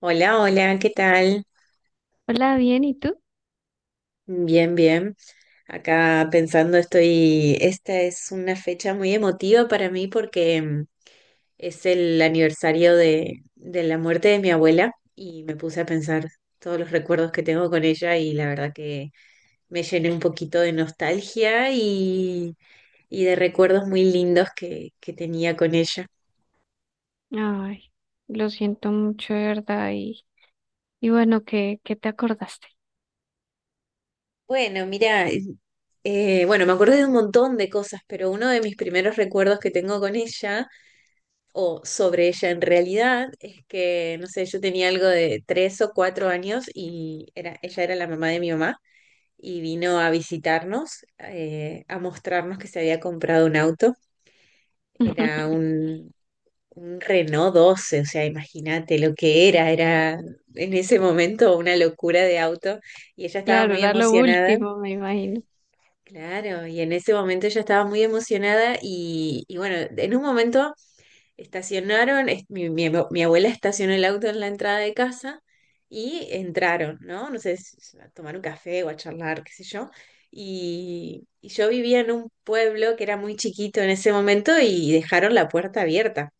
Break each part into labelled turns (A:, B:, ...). A: Hola, hola, ¿qué tal?
B: Hola, bien, ¿y tú?
A: Bien, bien. Acá pensando estoy, esta es una fecha muy emotiva para mí porque es el aniversario de la muerte de mi abuela y me puse a pensar todos los recuerdos que tengo con ella y la verdad que me llené un poquito de nostalgia y de recuerdos muy lindos que tenía con ella.
B: Ay, lo siento mucho, de verdad. Y bueno, ¿qué te acordaste?
A: Bueno, mira, bueno, me acordé de un montón de cosas, pero uno de mis primeros recuerdos que tengo con ella o sobre ella en realidad es que, no sé, yo tenía algo de tres o cuatro años y era, ella era la mamá de mi mamá y vino a visitarnos, a mostrarnos que se había comprado un auto. Era un, un Renault 12, o sea, imagínate lo que era, era en ese momento una locura de auto y ella estaba
B: Claro,
A: muy
B: era lo
A: emocionada.
B: último, me imagino.
A: Claro, y en ese momento ella estaba muy emocionada y bueno, en un momento estacionaron, mi abuela estacionó el auto en la entrada de casa y entraron, ¿no? No sé, a tomar un café o a charlar, qué sé yo. Y yo vivía en un pueblo que era muy chiquito en ese momento y dejaron la puerta abierta.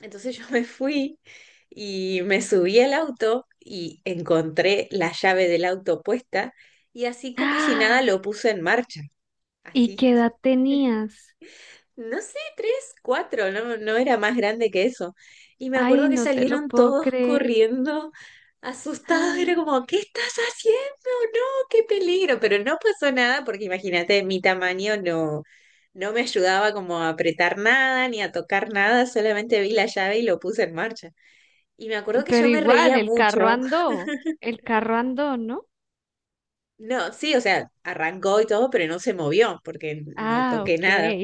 A: Entonces yo me fui y me subí al auto y encontré la llave del auto puesta y así como si nada
B: ¡Ah!
A: lo puse en marcha,
B: ¿Y
A: así
B: qué edad tenías?
A: no sé, tres, cuatro, no, no era más grande que eso. Y me
B: Ay,
A: acuerdo que
B: no te lo
A: salieron
B: puedo
A: todos
B: creer.
A: corriendo, asustados, era
B: ¡Ah!
A: como, ¿qué estás haciendo? No, qué peligro, pero no pasó nada porque imagínate, mi tamaño no, no me ayudaba como a apretar nada ni a tocar nada, solamente vi la llave y lo puse en marcha. Y me acuerdo que
B: Pero
A: yo me
B: igual,
A: reía
B: el
A: mucho.
B: carro andó. El carro andó, ¿no?
A: No, sí, o sea, arrancó y todo, pero no se movió porque no
B: Ah,
A: toqué
B: ok.
A: nada.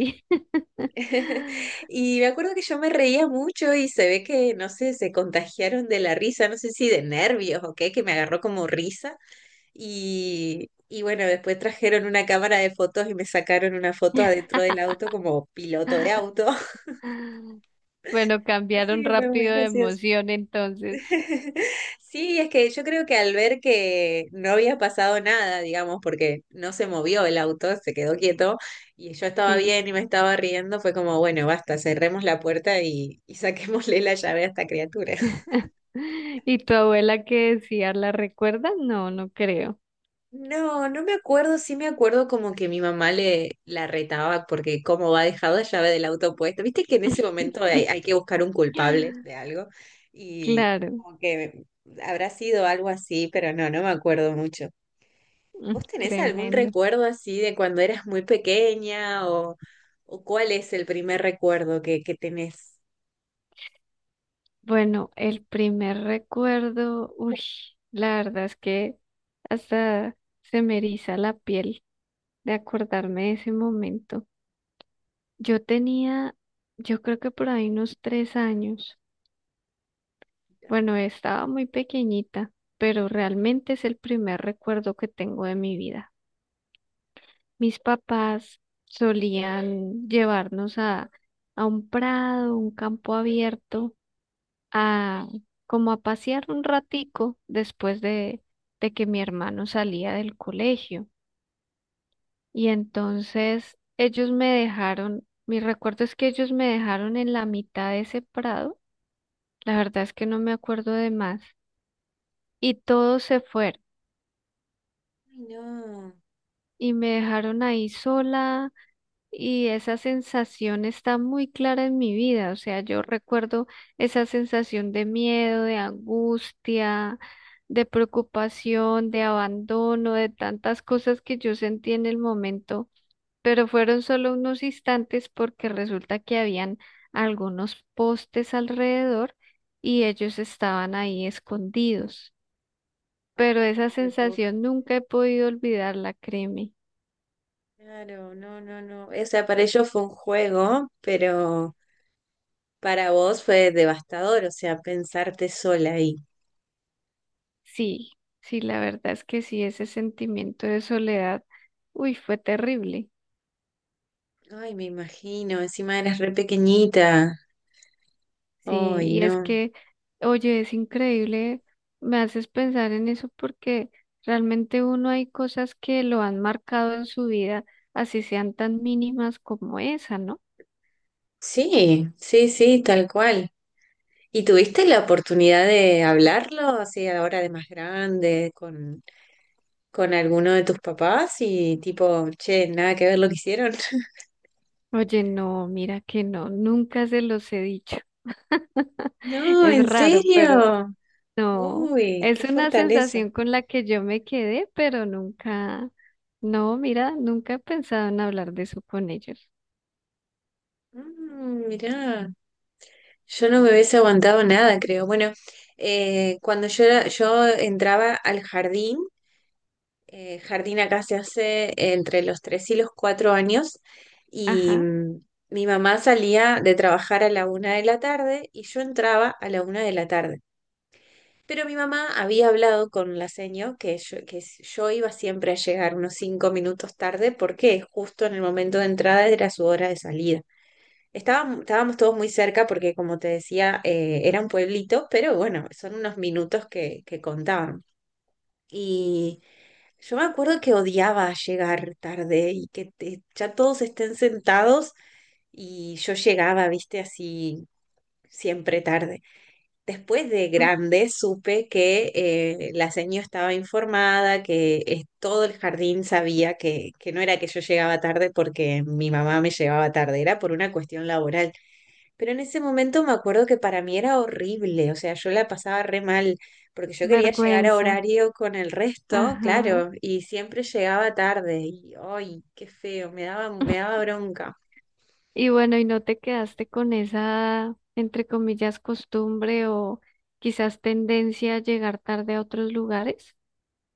A: Y me acuerdo que yo me reía mucho y se ve que, no sé, se contagiaron de la risa, no sé si de nervios o qué, que me agarró como risa. Y bueno, después trajeron una cámara de fotos y me sacaron una foto adentro del auto como piloto de auto.
B: Bueno,
A: Así
B: cambiaron
A: que fue muy
B: rápido de
A: gracioso.
B: emoción entonces.
A: Sí, es que yo creo que al ver que no había pasado nada, digamos, porque no se movió el auto, se quedó quieto y yo estaba
B: Sí.
A: bien y me estaba riendo, fue como, bueno, basta, cerremos la puerta y saquémosle la llave a esta criatura.
B: ¿Y tu abuela qué decía? ¿La recuerdas? No, no creo.
A: No, no me acuerdo, sí me acuerdo como que mi mamá le la retaba porque como va dejado la llave del auto puesta, viste que en ese momento hay, hay que buscar un culpable de algo y
B: Claro,
A: como que habrá sido algo así, pero no, no me acuerdo mucho. ¿Vos tenés algún
B: tremendo.
A: recuerdo así de cuando eras muy pequeña o cuál es el primer recuerdo que tenés?
B: Bueno, el primer recuerdo, uy, la verdad es que hasta se me eriza la piel de acordarme de ese momento. Yo tenía, yo creo que por ahí unos 3 años. Bueno, estaba muy pequeñita, pero realmente es el primer recuerdo que tengo de mi vida. Mis papás solían llevarnos a un prado, un campo abierto, a como a pasear un ratico después de que mi hermano salía del colegio. Y entonces ellos me dejaron, mi recuerdo es que ellos me dejaron en la mitad de ese prado, la verdad es que no me acuerdo de más, y todos se fueron
A: Ay, no,
B: y me dejaron ahí sola. Y esa sensación está muy clara en mi vida, o sea, yo recuerdo esa sensación de miedo, de angustia, de preocupación, de abandono, de tantas cosas que yo sentí en el momento, pero fueron solo unos instantes porque resulta que habían algunos postes alrededor y ellos estaban ahí escondidos, pero
A: ay,
B: esa
A: no te puedo creer.
B: sensación nunca he podido olvidarla, créeme.
A: Claro, no, no, no. O sea, para ellos fue un juego, pero para vos fue devastador, o sea, pensarte sola ahí.
B: Sí, sí, la verdad es que sí, ese sentimiento de soledad, uy, fue terrible.
A: Ay, me imagino, encima eras re pequeñita.
B: Sí,
A: Ay,
B: y es
A: no.
B: que, oye, es increíble, me haces pensar en eso porque realmente uno hay cosas que lo han marcado en su vida, así sean tan mínimas como esa, ¿no?
A: Sí, sí, sí, tal cual. ¿Y tuviste la oportunidad de hablarlo así ahora de más grande con alguno de tus papás y tipo, che, nada que ver lo que hicieron?
B: Oye, no, mira que no, nunca se los he dicho.
A: No,
B: Es
A: ¿en
B: raro, pero
A: serio?
B: no,
A: Uy,
B: es
A: qué
B: una
A: fortaleza.
B: sensación con la que yo me quedé, pero nunca, no, mira, nunca he pensado en hablar de eso con ellos.
A: Mm, mirá, yo no me hubiese aguantado nada, creo. Bueno, cuando yo, yo entraba al jardín. Jardín acá se hace entre los tres y los cuatro años y
B: Ajá,
A: mi mamá salía de trabajar a la una de la tarde y yo entraba a la una de la tarde. Pero mi mamá había hablado con la seño que yo, yo iba siempre a llegar unos cinco minutos tarde porque justo en el momento de entrada era su hora de salida. Estábamos todos muy cerca porque, como te decía, era un pueblito, pero bueno, son unos minutos que contaban. Y yo me acuerdo que odiaba llegar tarde y ya todos estén sentados y yo llegaba, viste, así siempre tarde. Después de
B: mm,
A: grande supe que la señora estaba informada, que todo el jardín sabía que no era que yo llegaba tarde porque mi mamá me llevaba tarde, era por una cuestión laboral. Pero en ese momento me acuerdo que para mí era horrible, o sea, yo la pasaba re mal, porque yo quería llegar a
B: vergüenza,
A: horario con el resto,
B: ajá.
A: claro, y siempre llegaba tarde, y ¡ay, qué feo! Me daba, me daba bronca.
B: Y bueno, ¿y no te quedaste con esa, entre comillas, costumbre o quizás tendencia a llegar tarde a otros lugares?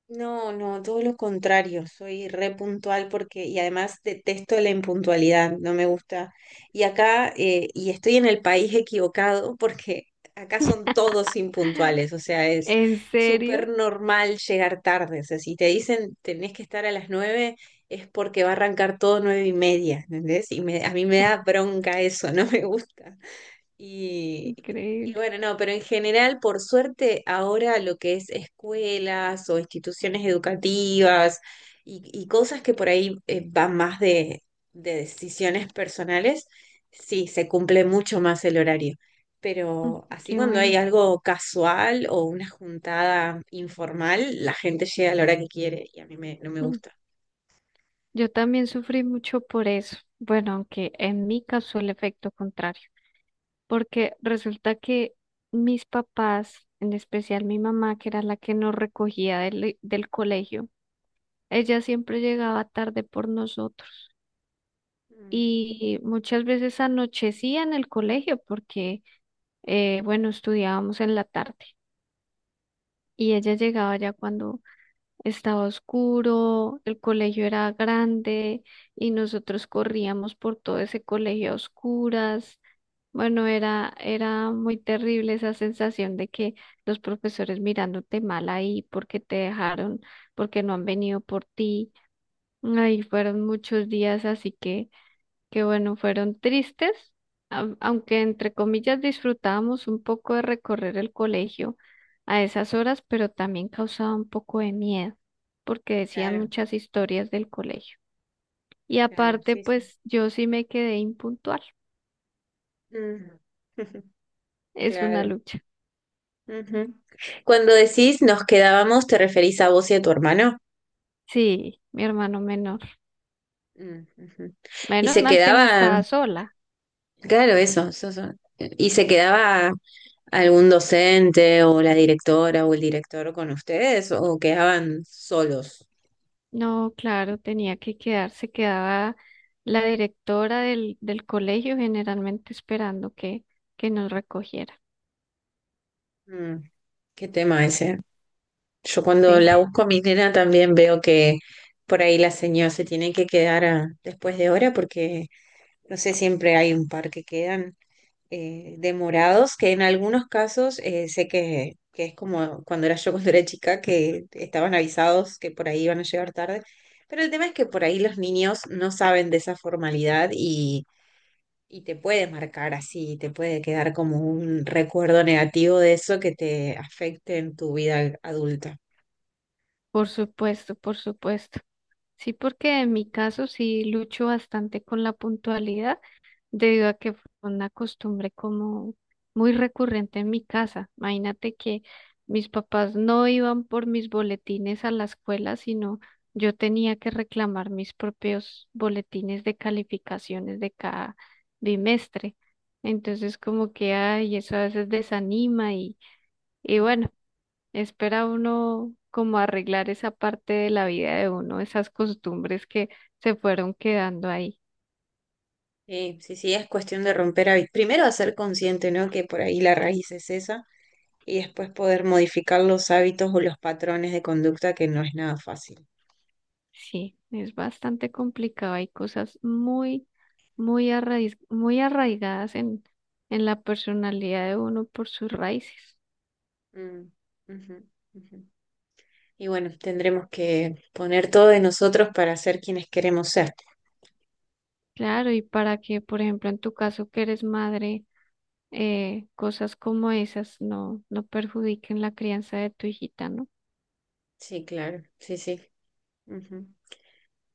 A: No, no, todo lo contrario, soy re puntual porque, y además detesto la impuntualidad, no me gusta. Y acá, y estoy en el país equivocado porque acá son todos impuntuales, o sea, es
B: ¿En
A: súper
B: serio?
A: normal llegar tarde. O sea, si te dicen tenés que estar a las nueve, es porque va a arrancar todo nueve y media, ¿entendés? Y a mí me da bronca eso, no me gusta. Y, y
B: Increíble.
A: bueno, no, pero en general, por suerte, ahora lo que es escuelas o instituciones educativas y cosas que por ahí van más de decisiones personales, sí, se cumple mucho más el horario.
B: Mm.
A: Pero así
B: Qué
A: cuando hay
B: bueno.
A: algo casual o una juntada informal, la gente llega a la hora que quiere y a mí no me
B: Mm.
A: gusta.
B: Yo también sufrí mucho por eso. Bueno, aunque en mi caso el efecto contrario, porque resulta que mis papás, en especial mi mamá, que era la que nos recogía del colegio, ella siempre llegaba tarde por nosotros
A: Mm,
B: y muchas veces anochecía en el colegio porque, bueno, estudiábamos en la tarde y ella llegaba ya cuando estaba oscuro, el colegio era grande y nosotros corríamos por todo ese colegio a oscuras. Bueno, era muy terrible esa sensación de que los profesores mirándote mal ahí porque te dejaron, porque no han venido por ti. Ahí fueron muchos días, así que bueno, fueron tristes, aunque entre comillas disfrutábamos un poco de recorrer el colegio a esas horas, pero también causaba un poco de miedo, porque decían
A: claro,
B: muchas historias del colegio. Y
A: claro,
B: aparte,
A: sí, sí.
B: pues yo sí me quedé impuntual,
A: Mm.
B: es una
A: Claro.
B: lucha.
A: Ujú. Cuando decís nos quedábamos, ¿te referís a vos y a tu hermano?
B: Sí, mi hermano menor.
A: Mm, ujú. Y
B: Menos
A: se
B: mal que no
A: quedaba,
B: estaba sola.
A: claro, eso, eso, eso. ¿Y se quedaba algún docente o la directora o el director con ustedes o quedaban solos?
B: No, claro, tenía que quedarse, quedaba la directora del colegio generalmente esperando que, nos recogiera.
A: Mm, qué tema ese. Yo cuando la
B: Sí.
A: busco a mi nena también veo que por ahí la señora se tiene que quedar después de hora porque no sé, siempre hay un par que quedan. Eh, demorados, que en algunos casos sé que es como cuando era yo cuando era chica, que estaban avisados que por ahí iban a llegar tarde, pero el tema es que por ahí los niños no saben de esa formalidad y te puede marcar así, te puede quedar como un recuerdo negativo de eso que te afecte en tu vida adulta.
B: Por supuesto, por supuesto. Sí, porque en mi caso sí lucho bastante con la puntualidad debido a que fue una costumbre como muy recurrente en mi casa. Imagínate que mis papás no iban por mis boletines a la escuela, sino yo tenía que reclamar mis propios boletines de calificaciones de cada bimestre. Entonces como que, ay, eso a veces desanima y
A: Mm.
B: bueno. Espera uno como arreglar esa parte de la vida de uno, esas costumbres que se fueron quedando ahí.
A: Sí, sí, sí, es cuestión de romper hábitos. Primero hacer consciente, ¿no? Que por ahí la raíz es esa y después poder modificar los hábitos o los patrones de conducta, que no es nada fácil.
B: Sí, es bastante complicado. Hay cosas muy, muy muy arraigadas en la personalidad de uno por sus raíces.
A: Mm, ujú, ujú. Y bueno, tendremos que poner todo de nosotros para ser quienes queremos ser.
B: Claro, y para que, por ejemplo, en tu caso que eres madre, cosas como esas no, no perjudiquen la crianza de tu hijita, ¿no?
A: Sí, claro, sí, sí. Ujú.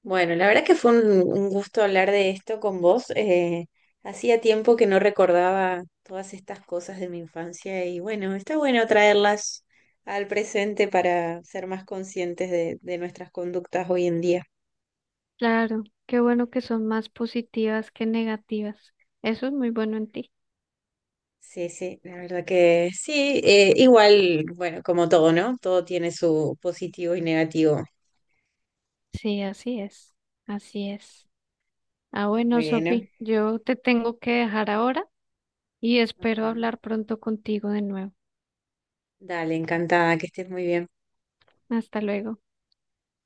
A: Bueno, la verdad que fue un gusto hablar de esto con vos. Eh, hacía tiempo que no recordaba todas estas cosas de mi infancia y bueno, está bueno traerlas al presente para ser más conscientes de nuestras conductas hoy en día.
B: Claro, qué bueno que son más positivas que negativas. Eso es muy bueno en ti.
A: Sí, sí, la verdad que sí, igual, bueno, como todo, ¿no? Todo tiene su positivo y negativo.
B: Sí, así es, así es. Ah, bueno,
A: Bueno,
B: Sofi, yo te tengo que dejar ahora y
A: ok.
B: espero hablar pronto contigo de nuevo.
A: Dale, encantada, que estés muy bien.
B: Hasta luego.